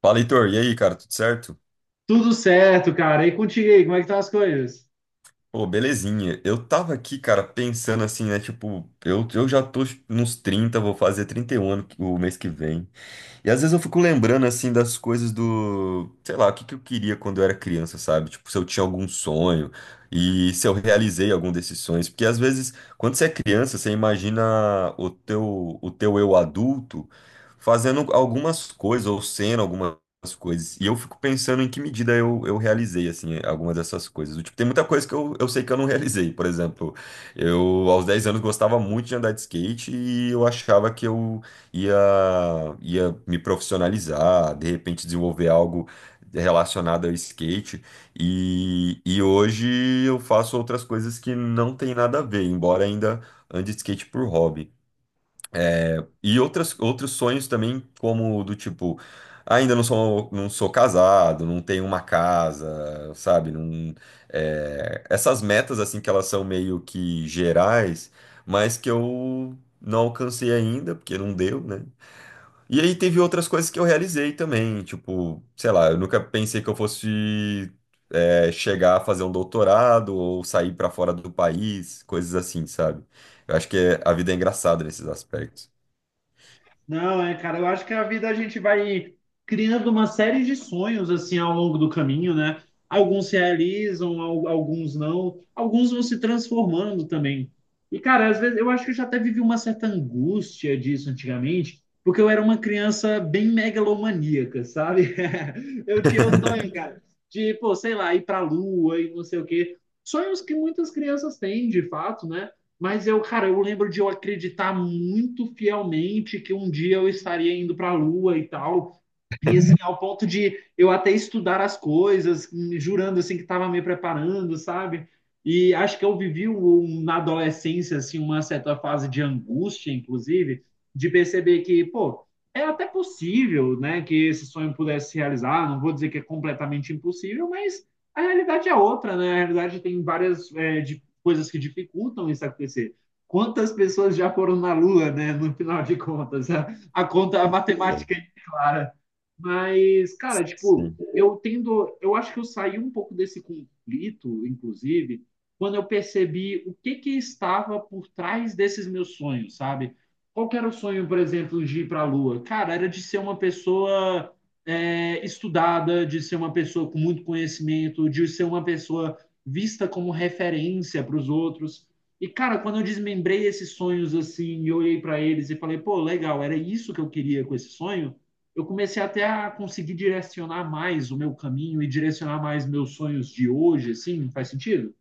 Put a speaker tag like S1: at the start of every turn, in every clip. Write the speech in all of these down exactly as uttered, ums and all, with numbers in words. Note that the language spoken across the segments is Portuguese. S1: Fala, Heitor. E aí, cara, tudo certo?
S2: Tudo certo, cara. E contigo aí, como é que estão as coisas?
S1: Pô, belezinha. Eu tava aqui, cara, pensando assim, né? Tipo, eu, eu já tô tipo, nos trinta. Vou fazer trinta e um ano que- o mês que vem. E às vezes eu fico lembrando, assim, das coisas do, sei lá, o que que eu queria quando eu era criança, sabe? Tipo, se eu tinha algum sonho e se eu realizei algum desses sonhos. Porque às vezes, quando você é criança, você imagina o teu, o teu eu adulto fazendo algumas coisas ou sendo algumas coisas. E eu fico pensando em que medida eu, eu realizei, assim, algumas dessas coisas. Do tipo, tem muita coisa que eu, eu sei que eu não realizei. Por exemplo, eu aos dez anos gostava muito de andar de skate e eu achava que eu ia, ia me profissionalizar, de repente desenvolver algo relacionado ao skate. E, e hoje eu faço outras coisas que não tem nada a ver, embora ainda ande de skate por hobby. E outras, outros sonhos também, como do tipo, ainda não sou, não sou casado, não tenho uma casa, sabe? Não, é, essas metas, assim, que elas são meio que gerais, mas que eu não alcancei ainda, porque não deu, né? E aí teve outras coisas que eu realizei também, tipo, sei lá, eu nunca pensei que eu fosse é, chegar a fazer um doutorado ou sair pra fora do país, coisas assim, sabe? Eu acho que é- a vida é engraçada nesses aspectos.
S2: Não, é, cara, eu acho que a vida a gente vai criando uma série de sonhos assim ao longo do caminho, né? Alguns se realizam, al- alguns não, alguns vão se transformando também. E, cara, às vezes eu acho que eu já até vivi uma certa angústia disso antigamente, porque eu era uma criança bem megalomaníaca, sabe? Eu tinha os sonhos, cara, de, pô, sei lá, ir pra lua e não sei o quê. Sonhos que muitas crianças têm, de fato, né? Mas eu, cara, eu lembro de eu acreditar muito fielmente que um dia eu estaria indo para a Lua e tal. E assim, ao ponto de eu até estudar as coisas, hum, jurando assim que estava me preparando, sabe? E acho que eu vivi um- um, na adolescência assim uma certa fase de angústia, inclusive, de perceber que, pô, é até possível, né, que esse sonho pudesse se realizar. Não vou dizer que é completamente impossível, mas a realidade é outra, né? A realidade tem várias é, de, coisas que dificultam isso acontecer. Quantas pessoas já foram na Lua, né? No final de contas, a, a conta, a matemática é clara. Mas, cara, tipo, eu tendo, eu acho que eu saí um pouco desse conflito, inclusive, quando eu percebi o que que estava por trás desses meus sonhos, sabe? Qual que era o sonho, por exemplo, de ir para a Lua? Cara, era de ser uma pessoa é, estudada, de ser uma pessoa com muito conhecimento, de ser uma pessoa vista como referência para os outros. E, cara, quando eu desmembrei esses sonhos assim, e olhei para eles e falei, pô, legal, era isso que eu queria com esse sonho, eu comecei até a conseguir direcionar mais o meu caminho e direcionar mais meus sonhos de hoje, assim, faz sentido?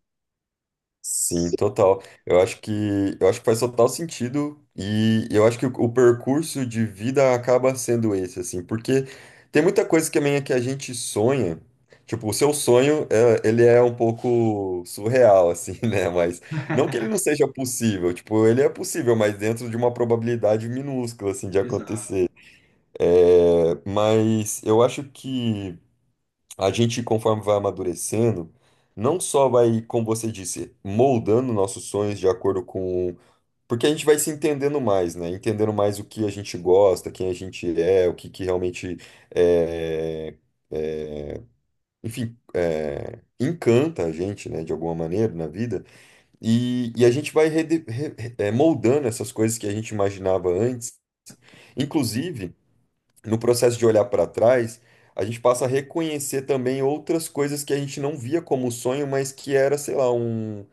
S1: Sim,
S2: Sim.
S1: total. Eu acho que eu acho que faz total sentido e eu acho que o, o percurso de vida acaba sendo esse, assim, porque tem muita coisa que também é que a gente sonha. Tipo, o seu sonho, é, ele é um pouco surreal, assim, né? Mas não que ele não seja possível, tipo, ele é possível, mas dentro de uma probabilidade minúscula, assim, de
S2: Exato.
S1: acontecer. É, mas eu acho que a gente, conforme vai amadurecendo, não só vai, como você disse, moldando nossos sonhos de acordo com. Porque a gente vai se entendendo mais, né? Entendendo mais o que a gente gosta, quem a gente é, o que, que realmente é, é, enfim, é, encanta a gente, né, de alguma maneira na vida. E, e a gente vai rede- re- re- é, moldando essas coisas que a gente imaginava antes. Inclusive no processo de olhar para trás, a gente passa a reconhecer também outras coisas que a gente não via como sonho, mas que era, sei lá, um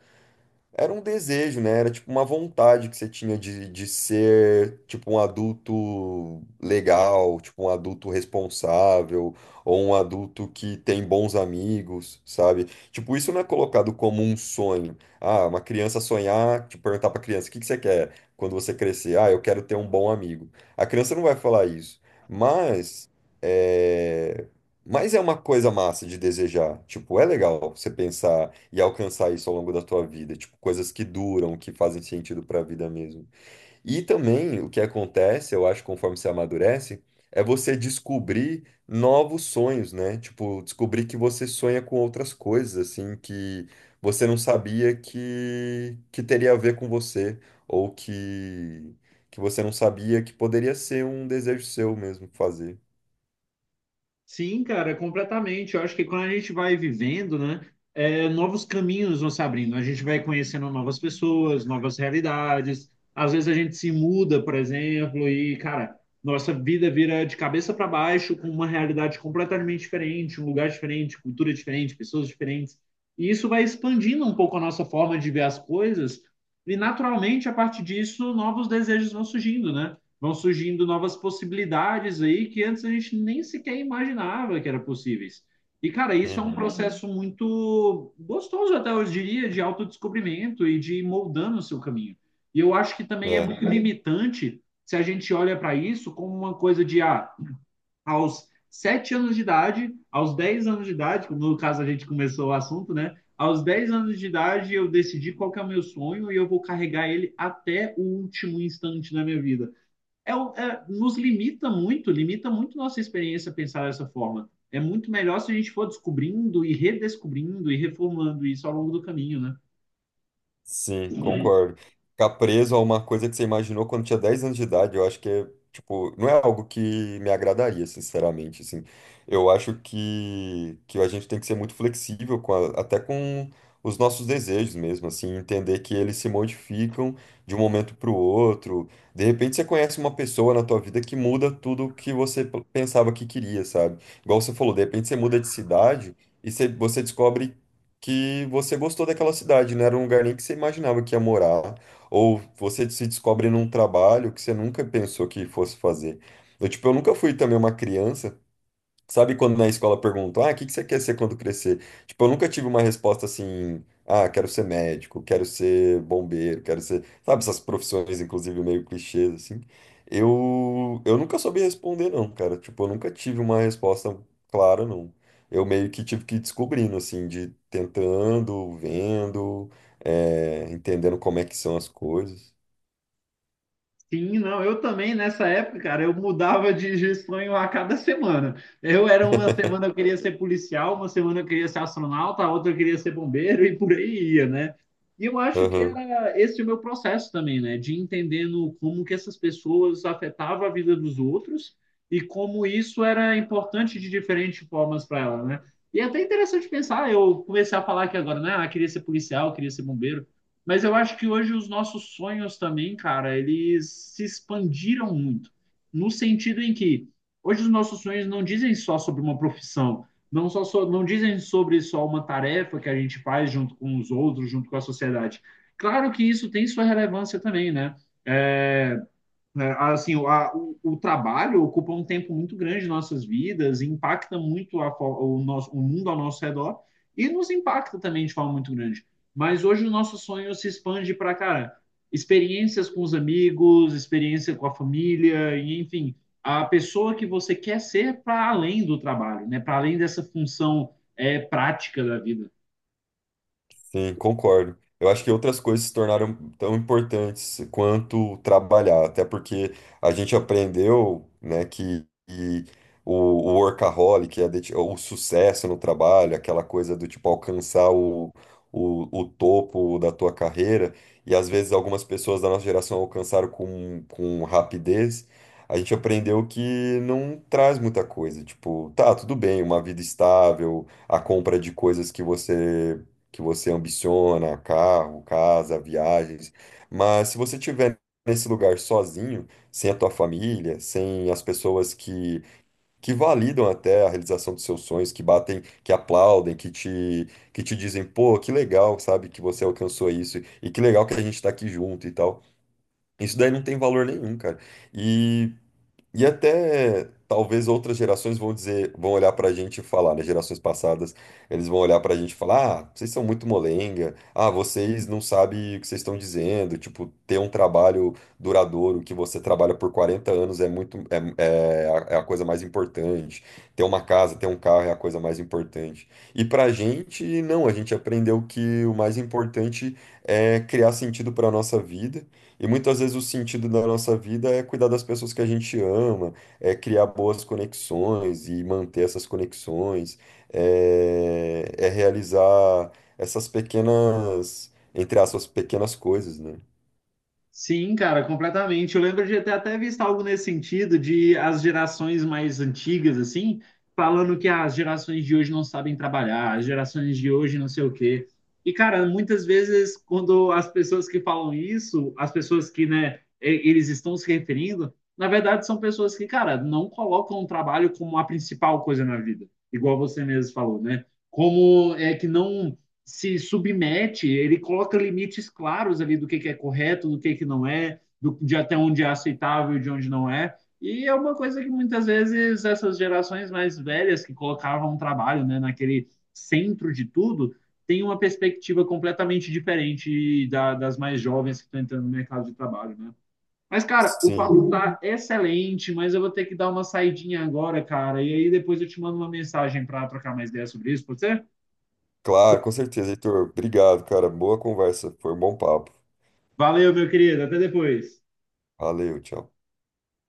S1: era um desejo, né? Era tipo uma vontade que você tinha de, de ser tipo um adulto legal, tipo um adulto responsável, ou um adulto que tem bons amigos, sabe? Tipo, isso não é colocado como um sonho. Ah, uma criança sonhar, tipo, perguntar pra criança, o que que você quer quando você crescer? Ah, eu quero ter um bom amigo. A criança não vai falar isso. Mas. eh, mas é uma coisa massa de desejar. Tipo, é legal você pensar e alcançar isso ao longo da tua vida. Tipo, coisas que duram, que fazem sentido pra vida mesmo. E também o que acontece, eu acho, conforme você amadurece, é você descobrir novos sonhos, né? Tipo, descobrir que você sonha com outras coisas, assim, que você não sabia que, que teria a ver com você, ou que, que você não sabia que poderia ser um desejo seu mesmo fazer.
S2: Sim, cara, completamente. Eu acho que quando a gente vai vivendo, né, é, novos caminhos vão se abrindo. A gente vai conhecendo novas pessoas, novas realidades. Às vezes a gente se muda, por exemplo, e, cara, nossa vida vira de cabeça para baixo com uma realidade completamente diferente, um lugar diferente, cultura diferente, pessoas diferentes. E isso vai expandindo um pouco a nossa forma de ver as coisas. E, naturalmente, a partir disso, novos desejos vão surgindo, né? Vão surgindo novas possibilidades aí que antes a gente nem sequer imaginava que eram possíveis. E, cara, isso é um
S1: Uhum.
S2: processo muito gostoso, até eu diria, de autodescobrimento e de ir moldando o seu caminho. E eu acho que também é
S1: É.
S2: muito limitante se a gente olha para isso como uma coisa de ah, aos sete anos de idade, aos dez anos de idade, como no caso a gente começou o assunto, né? Aos dez anos de idade eu decidi qual que é o meu sonho e eu vou carregar ele até o último instante da minha vida, é, o- é- nos limita muito, limita muito nossa experiência pensar dessa forma. É muito melhor se a gente for descobrindo e redescobrindo e reformulando isso ao longo do caminho, né?
S1: Sim, concordo. Ficar preso a uma coisa que você imaginou quando tinha dez anos de idade, eu acho que é, tipo, não é algo que me agradaria, sinceramente, assim. Eu acho que, que a gente tem que ser muito flexível com a- até com os nossos desejos mesmo, assim, entender que eles se modificam de um momento para o outro. De repente você conhece uma pessoa na tua vida que muda tudo o que você p- pensava que queria, sabe? Igual você falou, de repente você muda de cidade e você, você descobre que você gostou daquela cidade, não era um lugar nem que você imaginava que ia morar, ou você se descobre num trabalho que você nunca pensou que fosse fazer. Eu, tipo, eu nunca fui também uma criança. Sabe quando na escola perguntam, ah, o que que você quer ser quando crescer? Tipo, eu nunca tive uma resposta assim, ah, quero ser médico, quero ser bombeiro, quero ser, sabe, essas profissões, inclusive, meio clichês, assim. Eu, eu nunca soube responder, não, cara. Tipo, eu nunca tive uma resposta clara, não. Eu meio que tive que ir descobrindo, assim, de tentando, vendo, eh, entendendo como é que são as coisas.
S2: Sim, não, eu também nessa época, cara, eu mudava de de sonho a cada semana. Eu era uma semana eu queria ser policial, uma semana eu queria ser astronauta, a outra eu queria ser bombeiro e por aí ia, né? E eu acho que era esse o meu processo também, né? De entendendo como que essas pessoas afetavam a vida dos outros e como isso era importante de diferentes formas para ela, né? E é até interessante pensar, eu comecei a falar aqui agora, né? Ah, queria ser policial, queria ser bombeiro. Mas eu acho que hoje os nossos sonhos também, cara, eles se expandiram muito. No sentido em que hoje os nossos sonhos não dizem só sobre uma profissão, não só so- não dizem sobre só uma tarefa que a gente faz junto com os outros, junto com a sociedade. Claro que isso tem sua relevância também, né? É, né? Assim, o, a- o- o trabalho ocupa um tempo muito grande de nossas vidas, impacta muito a o nosso, o mundo ao nosso redor e nos impacta também de forma muito grande. Mas hoje o nosso sonho se expande para, cara, experiências com os amigos, experiência com a família, e enfim, a pessoa que você quer ser para além do trabalho, né? Para além dessa função é, prática da vida.
S1: Sim, concordo. Eu acho que outras coisas se tornaram tão importantes quanto trabalhar, até porque a gente aprendeu, né, que, que o, o workaholic, a dedi- o sucesso no trabalho, aquela coisa do tipo alcançar o, o, o topo da tua carreira, e às vezes algumas pessoas da nossa geração alcançaram com, com rapidez, a gente aprendeu que não traz muita coisa. Tipo, tá, tudo bem, uma vida estável, a compra de coisas que você que você ambiciona, carro, casa, viagens. Mas se você estiver nesse lugar sozinho, sem a tua família, sem as pessoas que, que validam até a realização dos seus sonhos, que batem, que aplaudem, que te, que te dizem, pô, que legal, sabe, que você alcançou isso, e que legal que a gente tá aqui junto e tal. Isso daí não tem valor nenhum, cara. E e até talvez outras gerações vão dizer, vão olhar pra gente e falar, né? Gerações passadas, eles vão olhar pra gente e falar: ah, vocês são muito molenga, ah, vocês não sabem o que vocês estão dizendo. Tipo, ter um trabalho duradouro que você trabalha por quarenta anos é muito, é, é a, é a coisa mais importante. Ter uma casa, ter um carro é a coisa mais importante. E pra gente, não, a gente aprendeu que o mais importante é criar sentido pra nossa vida e muitas vezes o sentido da nossa vida é cuidar das pessoas que a gente ama, é criar boas conexões e manter essas conexões, é, é realizar essas pequenas, entre aspas, pequenas coisas, né?
S2: Sim, cara, completamente. Eu lembro de ter até visto algo nesse sentido, de as gerações mais antigas, assim, falando que as gerações de hoje não sabem trabalhar, as gerações de hoje não sei o quê. E, cara, muitas vezes, quando as pessoas que falam isso, as pessoas que, né, e- eles estão se referindo, na verdade, são pessoas que, cara, não colocam o trabalho como a principal coisa na vida, igual você mesmo falou, né? Como é que não se submete, ele coloca limites claros ali do que, que é correto, do que, que não é, do, de até onde é aceitável e de onde não é. E é uma coisa que muitas vezes essas gerações mais velhas que colocavam o trabalho, né, naquele centro de tudo, tem uma perspectiva completamente diferente da, das mais jovens que estão entrando no mercado de trabalho, né? Mas, cara, o
S1: Sim,
S2: papo tá excelente, mas eu vou ter que dar uma saidinha agora, cara. E aí depois eu te mando uma mensagem para trocar mais ideias sobre isso, pode ser?
S1: claro, com certeza, Heitor. Obrigado, cara. Boa conversa, foi um bom papo.
S2: Valeu, meu querido. Até depois.
S1: Valeu, tchau.